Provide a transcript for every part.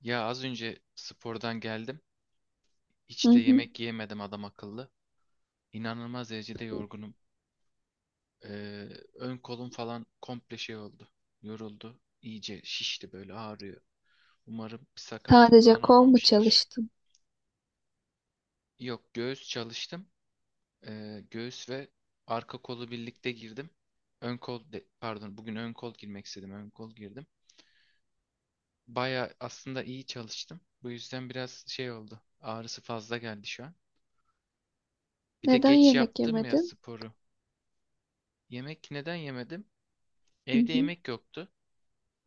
Ya az önce spordan geldim. Hı Hiç de hı. yemek yiyemedim adam akıllı. İnanılmaz derecede yorgunum. Ee, ön kolum falan komple şey oldu. Yoruldu. İyice şişti böyle ağrıyor. Umarım bir sakatlık Sadece falan kol mu olmamıştır. çalıştın? Yok, göğüs çalıştım. Göğüs ve arka kolu birlikte girdim. Ön kol de, pardon bugün ön kol girmek istedim. Ön kol girdim. Baya aslında iyi çalıştım. Bu yüzden biraz şey oldu. Ağrısı fazla geldi şu an. Bir de Neden geç yemek yaptım ya yemedin? sporu. Yemek neden yemedim? Hı Evde hı. yemek yoktu.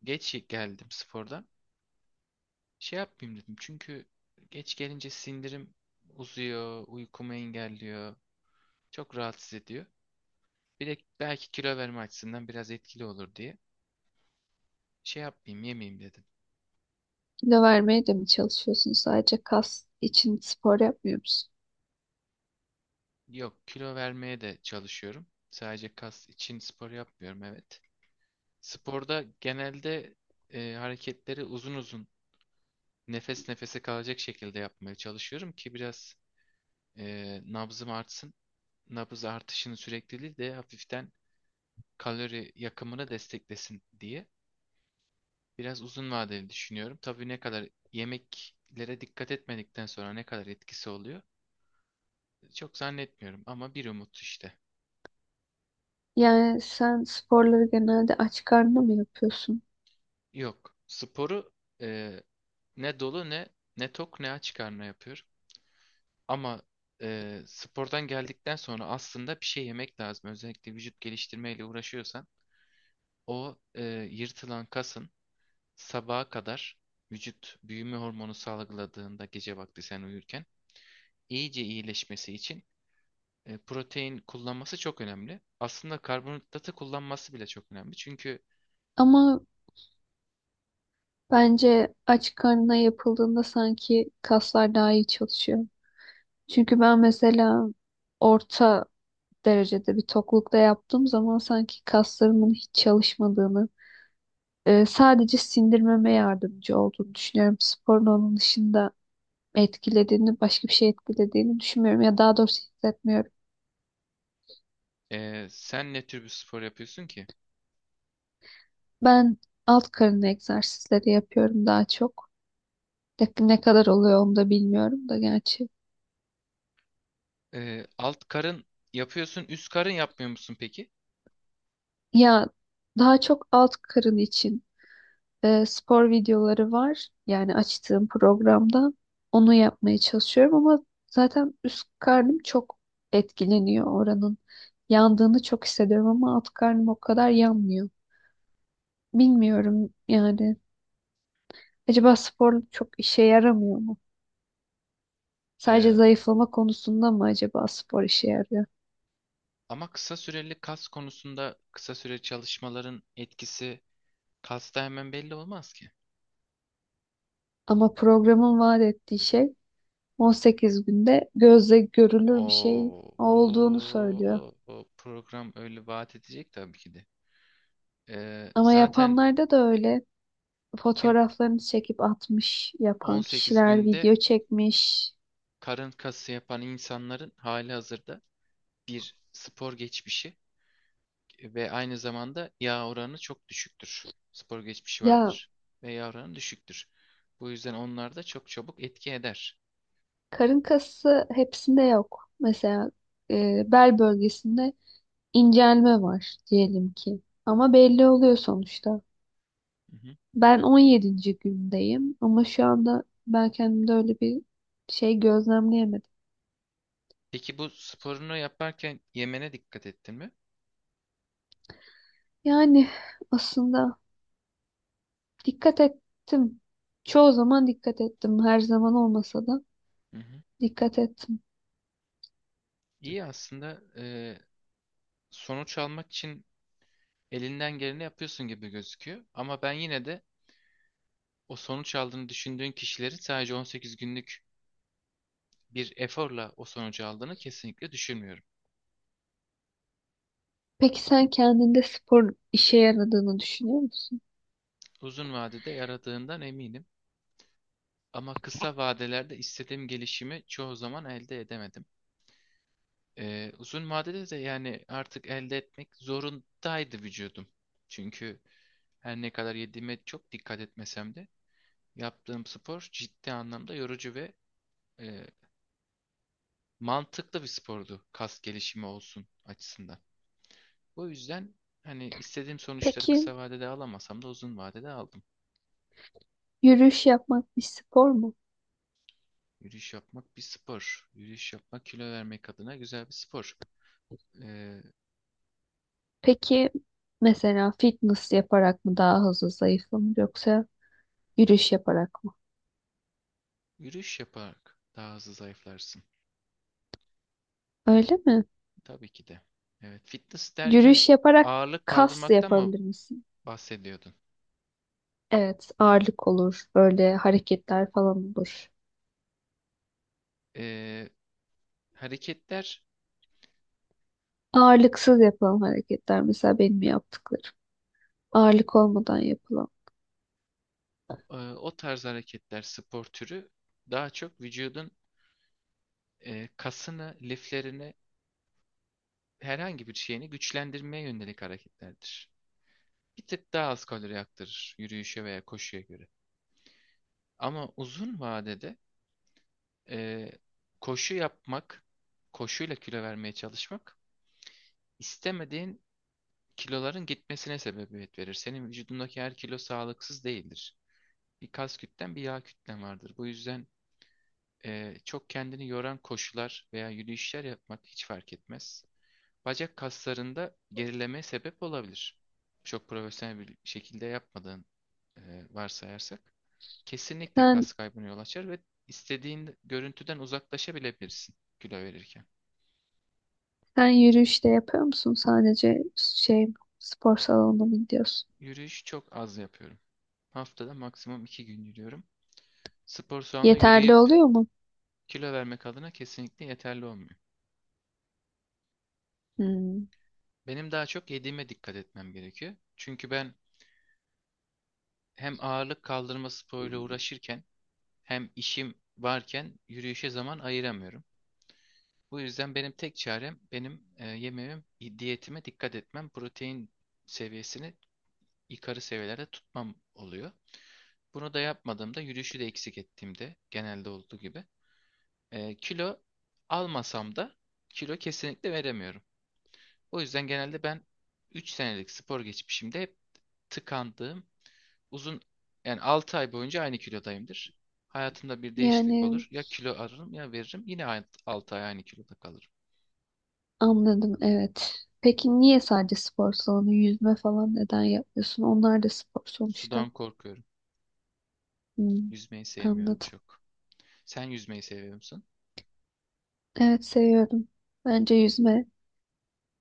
Geç geldim spordan. Şey yapmayayım dedim. Çünkü geç gelince sindirim uzuyor, uykumu engelliyor. Çok rahatsız ediyor. Bir de belki kilo verme açısından biraz etkili olur diye. Şey yapmayayım, yemeyeyim dedim. Kilo vermeye de mi çalışıyorsun? Sadece kas için spor yapmıyor musun? Yok, kilo vermeye de çalışıyorum. Sadece kas için spor yapmıyorum, evet. Sporda genelde hareketleri uzun uzun nefes nefese kalacak şekilde yapmaya çalışıyorum ki biraz nabzım artsın. Nabız artışını sürekli değil de hafiften kalori yakımını desteklesin diye. Biraz uzun vadeli düşünüyorum. Tabii ne kadar yemeklere dikkat etmedikten sonra ne kadar etkisi oluyor, çok zannetmiyorum ama bir umut işte. Yani sen sporları genelde aç karnına mı yapıyorsun? Yok. Sporu e, ne dolu ne tok ne aç karnına yapıyorum. Ama spordan geldikten sonra aslında bir şey yemek lazım. Özellikle vücut geliştirmeyle uğraşıyorsan o yırtılan kasın sabaha kadar vücut büyüme hormonu salgıladığında gece vakti sen uyurken iyice iyileşmesi için protein kullanması çok önemli. Aslında karbonhidratı kullanması bile çok önemli. Çünkü Ama bence aç karnına yapıldığında sanki kaslar daha iyi çalışıyor. Çünkü ben mesela orta derecede bir toklukta yaptığım zaman sanki kaslarımın hiç çalışmadığını, sadece sindirmeme yardımcı olduğunu düşünüyorum sporun onun dışında etkilediğini, başka bir şey etkilediğini düşünmüyorum ya, daha doğrusu hissetmiyorum. Sen ne tür bir spor yapıyorsun ki? Ben alt karın egzersizleri yapıyorum daha çok. Tabii ne kadar oluyor onu da bilmiyorum da gerçi. Alt karın yapıyorsun, üst karın yapmıyor musun peki? Ya daha çok alt karın için spor videoları var. Yani açtığım programda onu yapmaya çalışıyorum ama zaten üst karnım çok etkileniyor oranın. Yandığını çok hissediyorum ama alt karnım o Hı kadar hı. yanmıyor. Bilmiyorum yani. Acaba spor çok işe yaramıyor mu? Sadece Ee, zayıflama konusunda mı acaba spor işe yarıyor? ama kısa süreli kas konusunda kısa süre çalışmaların etkisi kasta hemen belli olmaz ki. Ama programın vaat ettiği şey 18 günde gözle görülür bir şey O, olduğunu söylüyor. o program öyle vaat edecek tabii ki de. Ama Zaten yapanlarda da öyle. kim Fotoğraflarını çekip atmış, yapan 18 kişiler günde video çekmiş. karın kası yapan insanların halihazırda bir spor geçmişi ve aynı zamanda yağ oranı çok düşüktür. Spor geçmişi Ya vardır ve yağ oranı düşüktür. Bu yüzden onlar da çok çabuk etki eder. karın kası hepsinde yok. Mesela bel bölgesinde incelme var diyelim ki. Ama belli oluyor sonuçta. Hı hı. Ben on yedinci gündeyim ama şu anda ben kendimde öyle bir şey gözlemleyemedim. Peki bu sporunu yaparken yemene dikkat ettin mi? Yani aslında dikkat ettim. Çoğu zaman dikkat ettim. Her zaman olmasa da Hı hı. dikkat ettim. İyi aslında, sonuç almak için elinden geleni yapıyorsun gibi gözüküyor. Ama ben yine de o sonuç aldığını düşündüğün kişilerin sadece 18 günlük bir eforla o sonucu aldığını kesinlikle düşünmüyorum. Peki sen kendinde spor işe yaradığını düşünüyor musun? Uzun vadede yaradığından eminim. Ama kısa vadelerde istediğim gelişimi çoğu zaman elde edemedim. Uzun vadede de yani artık elde etmek zorundaydı vücudum. Çünkü her ne kadar yediğime çok dikkat etmesem de yaptığım spor ciddi anlamda yorucu ve e, mantıklı bir spordu kas gelişimi olsun açısından. O yüzden hani istediğim sonuçları Peki kısa vadede alamasam da uzun vadede aldım. yürüyüş yapmak bir spor mu? Yürüyüş yapmak bir spor. Yürüyüş yapmak kilo vermek adına güzel bir spor. Ee, Peki mesela fitness yaparak mı daha hızlı zayıflanır yoksa yürüyüş yaparak mı? yürüyüş yaparak daha hızlı zayıflarsın. Öyle mi? Tabii ki de. Evet, fitness derken Yürüyüş yaparak ağırlık kas da kaldırmaktan mı yapabilir misin? bahsediyordun? Evet, ağırlık olur. Böyle hareketler falan olur. Ee, hareketler, Ağırlıksız yapılan hareketler mesela benim yaptıklarım. Ağırlık olmadan yapılan. O tarz hareketler, spor türü daha çok vücudun kasını, liflerini, herhangi bir şeyini güçlendirmeye yönelik hareketlerdir. Bir tık daha az kalori yaktırır yürüyüşe veya koşuya göre. Ama uzun vadede e, koşu yapmak, koşuyla kilo vermeye çalışmak istemediğin kiloların gitmesine sebebiyet verir. Senin vücudundaki her kilo sağlıksız değildir. Bir kas kütlen bir yağ kütlen vardır. Bu yüzden çok kendini yoran koşular veya yürüyüşler yapmak hiç fark etmez. Bacak kaslarında gerilemeye sebep olabilir. Çok profesyonel bir şekilde yapmadığın, e, varsayarsak, kesinlikle Sen kas kaybına yol açar ve istediğin görüntüden uzaklaşabilebilirsin kilo verirken. sen yürüyüş de yapıyor musun? Sadece şey spor salonuna mı gidiyorsun? Yürüyüş çok az yapıyorum. Haftada maksimum 2 gün yürüyorum. Spor salonunda Yeterli yürüyüp. oluyor mu? Kilo vermek adına kesinlikle yeterli olmuyor. Hmm. Benim daha çok yediğime dikkat etmem gerekiyor. Çünkü ben hem ağırlık kaldırma sporuyla uğraşırken hem işim varken yürüyüşe zaman ayıramıyorum. Bu yüzden benim tek çarem benim yemeğim, diyetime dikkat etmem, protein seviyesini yukarı seviyelerde tutmam oluyor. Bunu da yapmadığımda, yürüyüşü de eksik ettiğimde genelde olduğu gibi, kilo almasam da kilo kesinlikle veremiyorum. O yüzden genelde ben 3 senelik spor geçmişimde hep tıkandığım, uzun yani 6 ay boyunca aynı kilodayımdır. Hayatımda bir değişiklik Yani olur. Ya kilo alırım ya veririm. Yine 6 ay aynı kiloda kalırım. anladım, evet. Peki niye sadece spor salonu, yüzme falan neden yapmıyorsun? Onlar da spor sonuçta. Sudan korkuyorum. Hmm, Yüzmeyi sevmiyorum anladım. çok. Sen yüzmeyi seviyor musun? Evet, seviyorum. Bence yüzme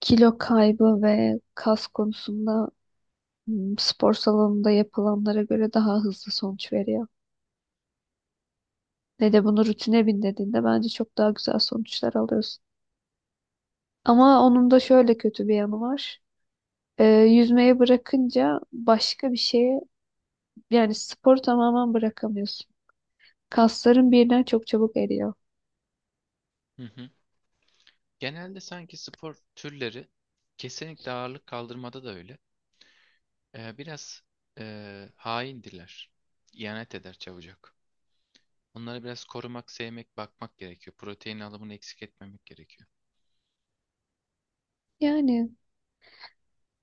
kilo kaybı ve kas konusunda spor salonunda yapılanlara göre daha hızlı sonuç veriyor. Ne de bunu rutine bindirdiğinde bence çok daha güzel sonuçlar alıyorsun. Ama onun da şöyle kötü bir yanı var. Yüzmeye bırakınca başka bir şeye, yani sporu tamamen bırakamıyorsun. Kaslarım birden çok çabuk eriyor. Hı hı. Genelde sanki spor türleri, kesinlikle ağırlık kaldırmada da öyle. Biraz haindirler. İhanet eder çabucak. Onları biraz korumak, sevmek, bakmak gerekiyor. Protein alımını eksik etmemek gerekiyor. Yani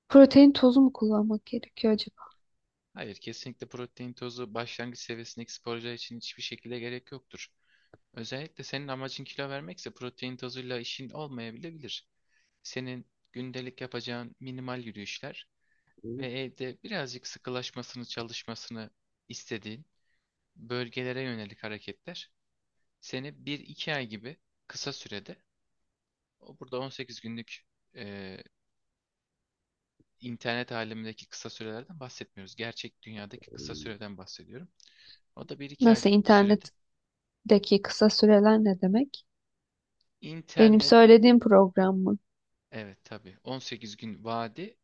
protein tozu mu kullanmak gerekiyor acaba? Hayır, kesinlikle protein tozu başlangıç seviyesindeki sporcular için hiçbir şekilde gerek yoktur. Özellikle senin amacın kilo vermekse protein tozuyla işin olmayabilir. Senin gündelik yapacağın minimal yürüyüşler ve evde birazcık sıkılaşmasını, çalışmasını istediğin bölgelere yönelik hareketler seni bir iki ay gibi kısa sürede. O burada 18 günlük, e, internet alemindeki kısa sürelerden bahsetmiyoruz. Gerçek dünyadaki kısa süreden bahsediyorum. O da bir iki Nasıl aylık bir sürede. internetteki kısa süreler ne demek? Benim İnternet, söylediğim program mı? evet tabii 18 gün vadi.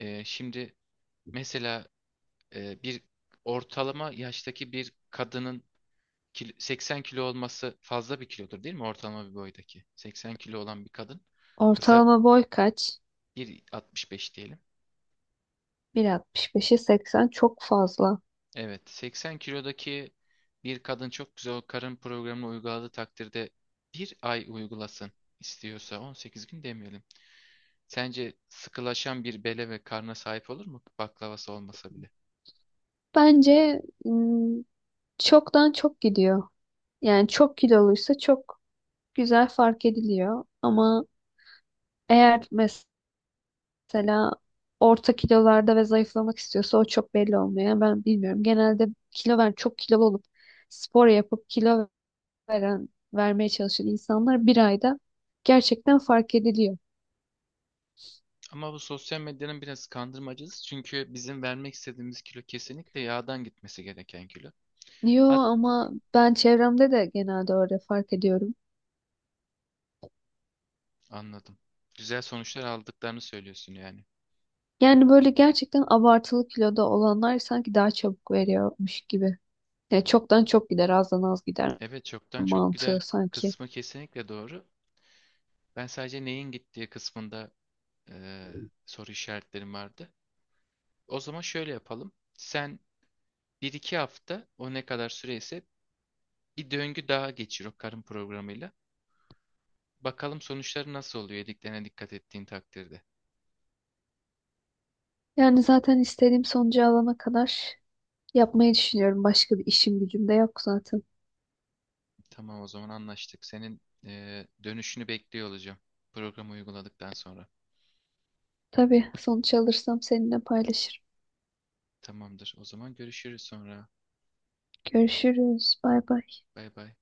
Şimdi mesela bir ortalama yaştaki bir kadının 80 kilo olması fazla bir kilodur değil mi? Ortalama bir boydaki. 80 kilo olan bir kadın, kısa, Ortalama boy kaç? 1,65 diyelim. 1.65'e 80 çok fazla. Evet, 80 kilodaki bir kadın çok güzel o karın programını uyguladığı takdirde, bir ay uygulasın istiyorsa, 18 gün demeyelim. Sence sıkılaşan bir bele ve karna sahip olur mu, baklavası olmasa bile? Bence çoktan çok gidiyor. Yani çok kiloluysa çok güzel fark ediliyor. Ama eğer mesela orta kilolarda ve zayıflamak istiyorsa o çok belli olmuyor. Yani ben bilmiyorum. Genelde kilo ver, çok kilolu olup spor yapıp kilo veren, vermeye çalışan insanlar bir ayda gerçekten fark ediliyor. Ama bu sosyal medyanın biraz kandırmacısı, çünkü bizim vermek istediğimiz kilo kesinlikle yağdan gitmesi gereken kilo. Yo, Hat ama ben çevremde de genelde öyle fark ediyorum. anladım. Güzel sonuçlar aldıklarını söylüyorsun yani. Yani böyle gerçekten abartılı kiloda olanlar sanki daha çabuk veriyormuş gibi. Ya çoktan çok gider, azdan az gider Evet, çoktan çok mantığı gider sanki. kısmı kesinlikle doğru. Ben sadece neyin gittiği kısmında, e, soru işaretlerim vardı. O zaman şöyle yapalım. Sen bir iki hafta, o ne kadar süreyse, bir döngü daha geçir o karın programıyla. Bakalım sonuçları nasıl oluyor yediklerine dikkat ettiğin takdirde. Yani zaten istediğim sonucu alana kadar yapmayı düşünüyorum. Başka bir işim gücüm de yok zaten. Tamam, o zaman anlaştık. Senin dönüşünü bekliyor olacağım programı uyguladıktan sonra. Tabii sonuç alırsam seninle paylaşırım. Tamamdır. O zaman görüşürüz sonra. Görüşürüz. Bay bay. Bay bay.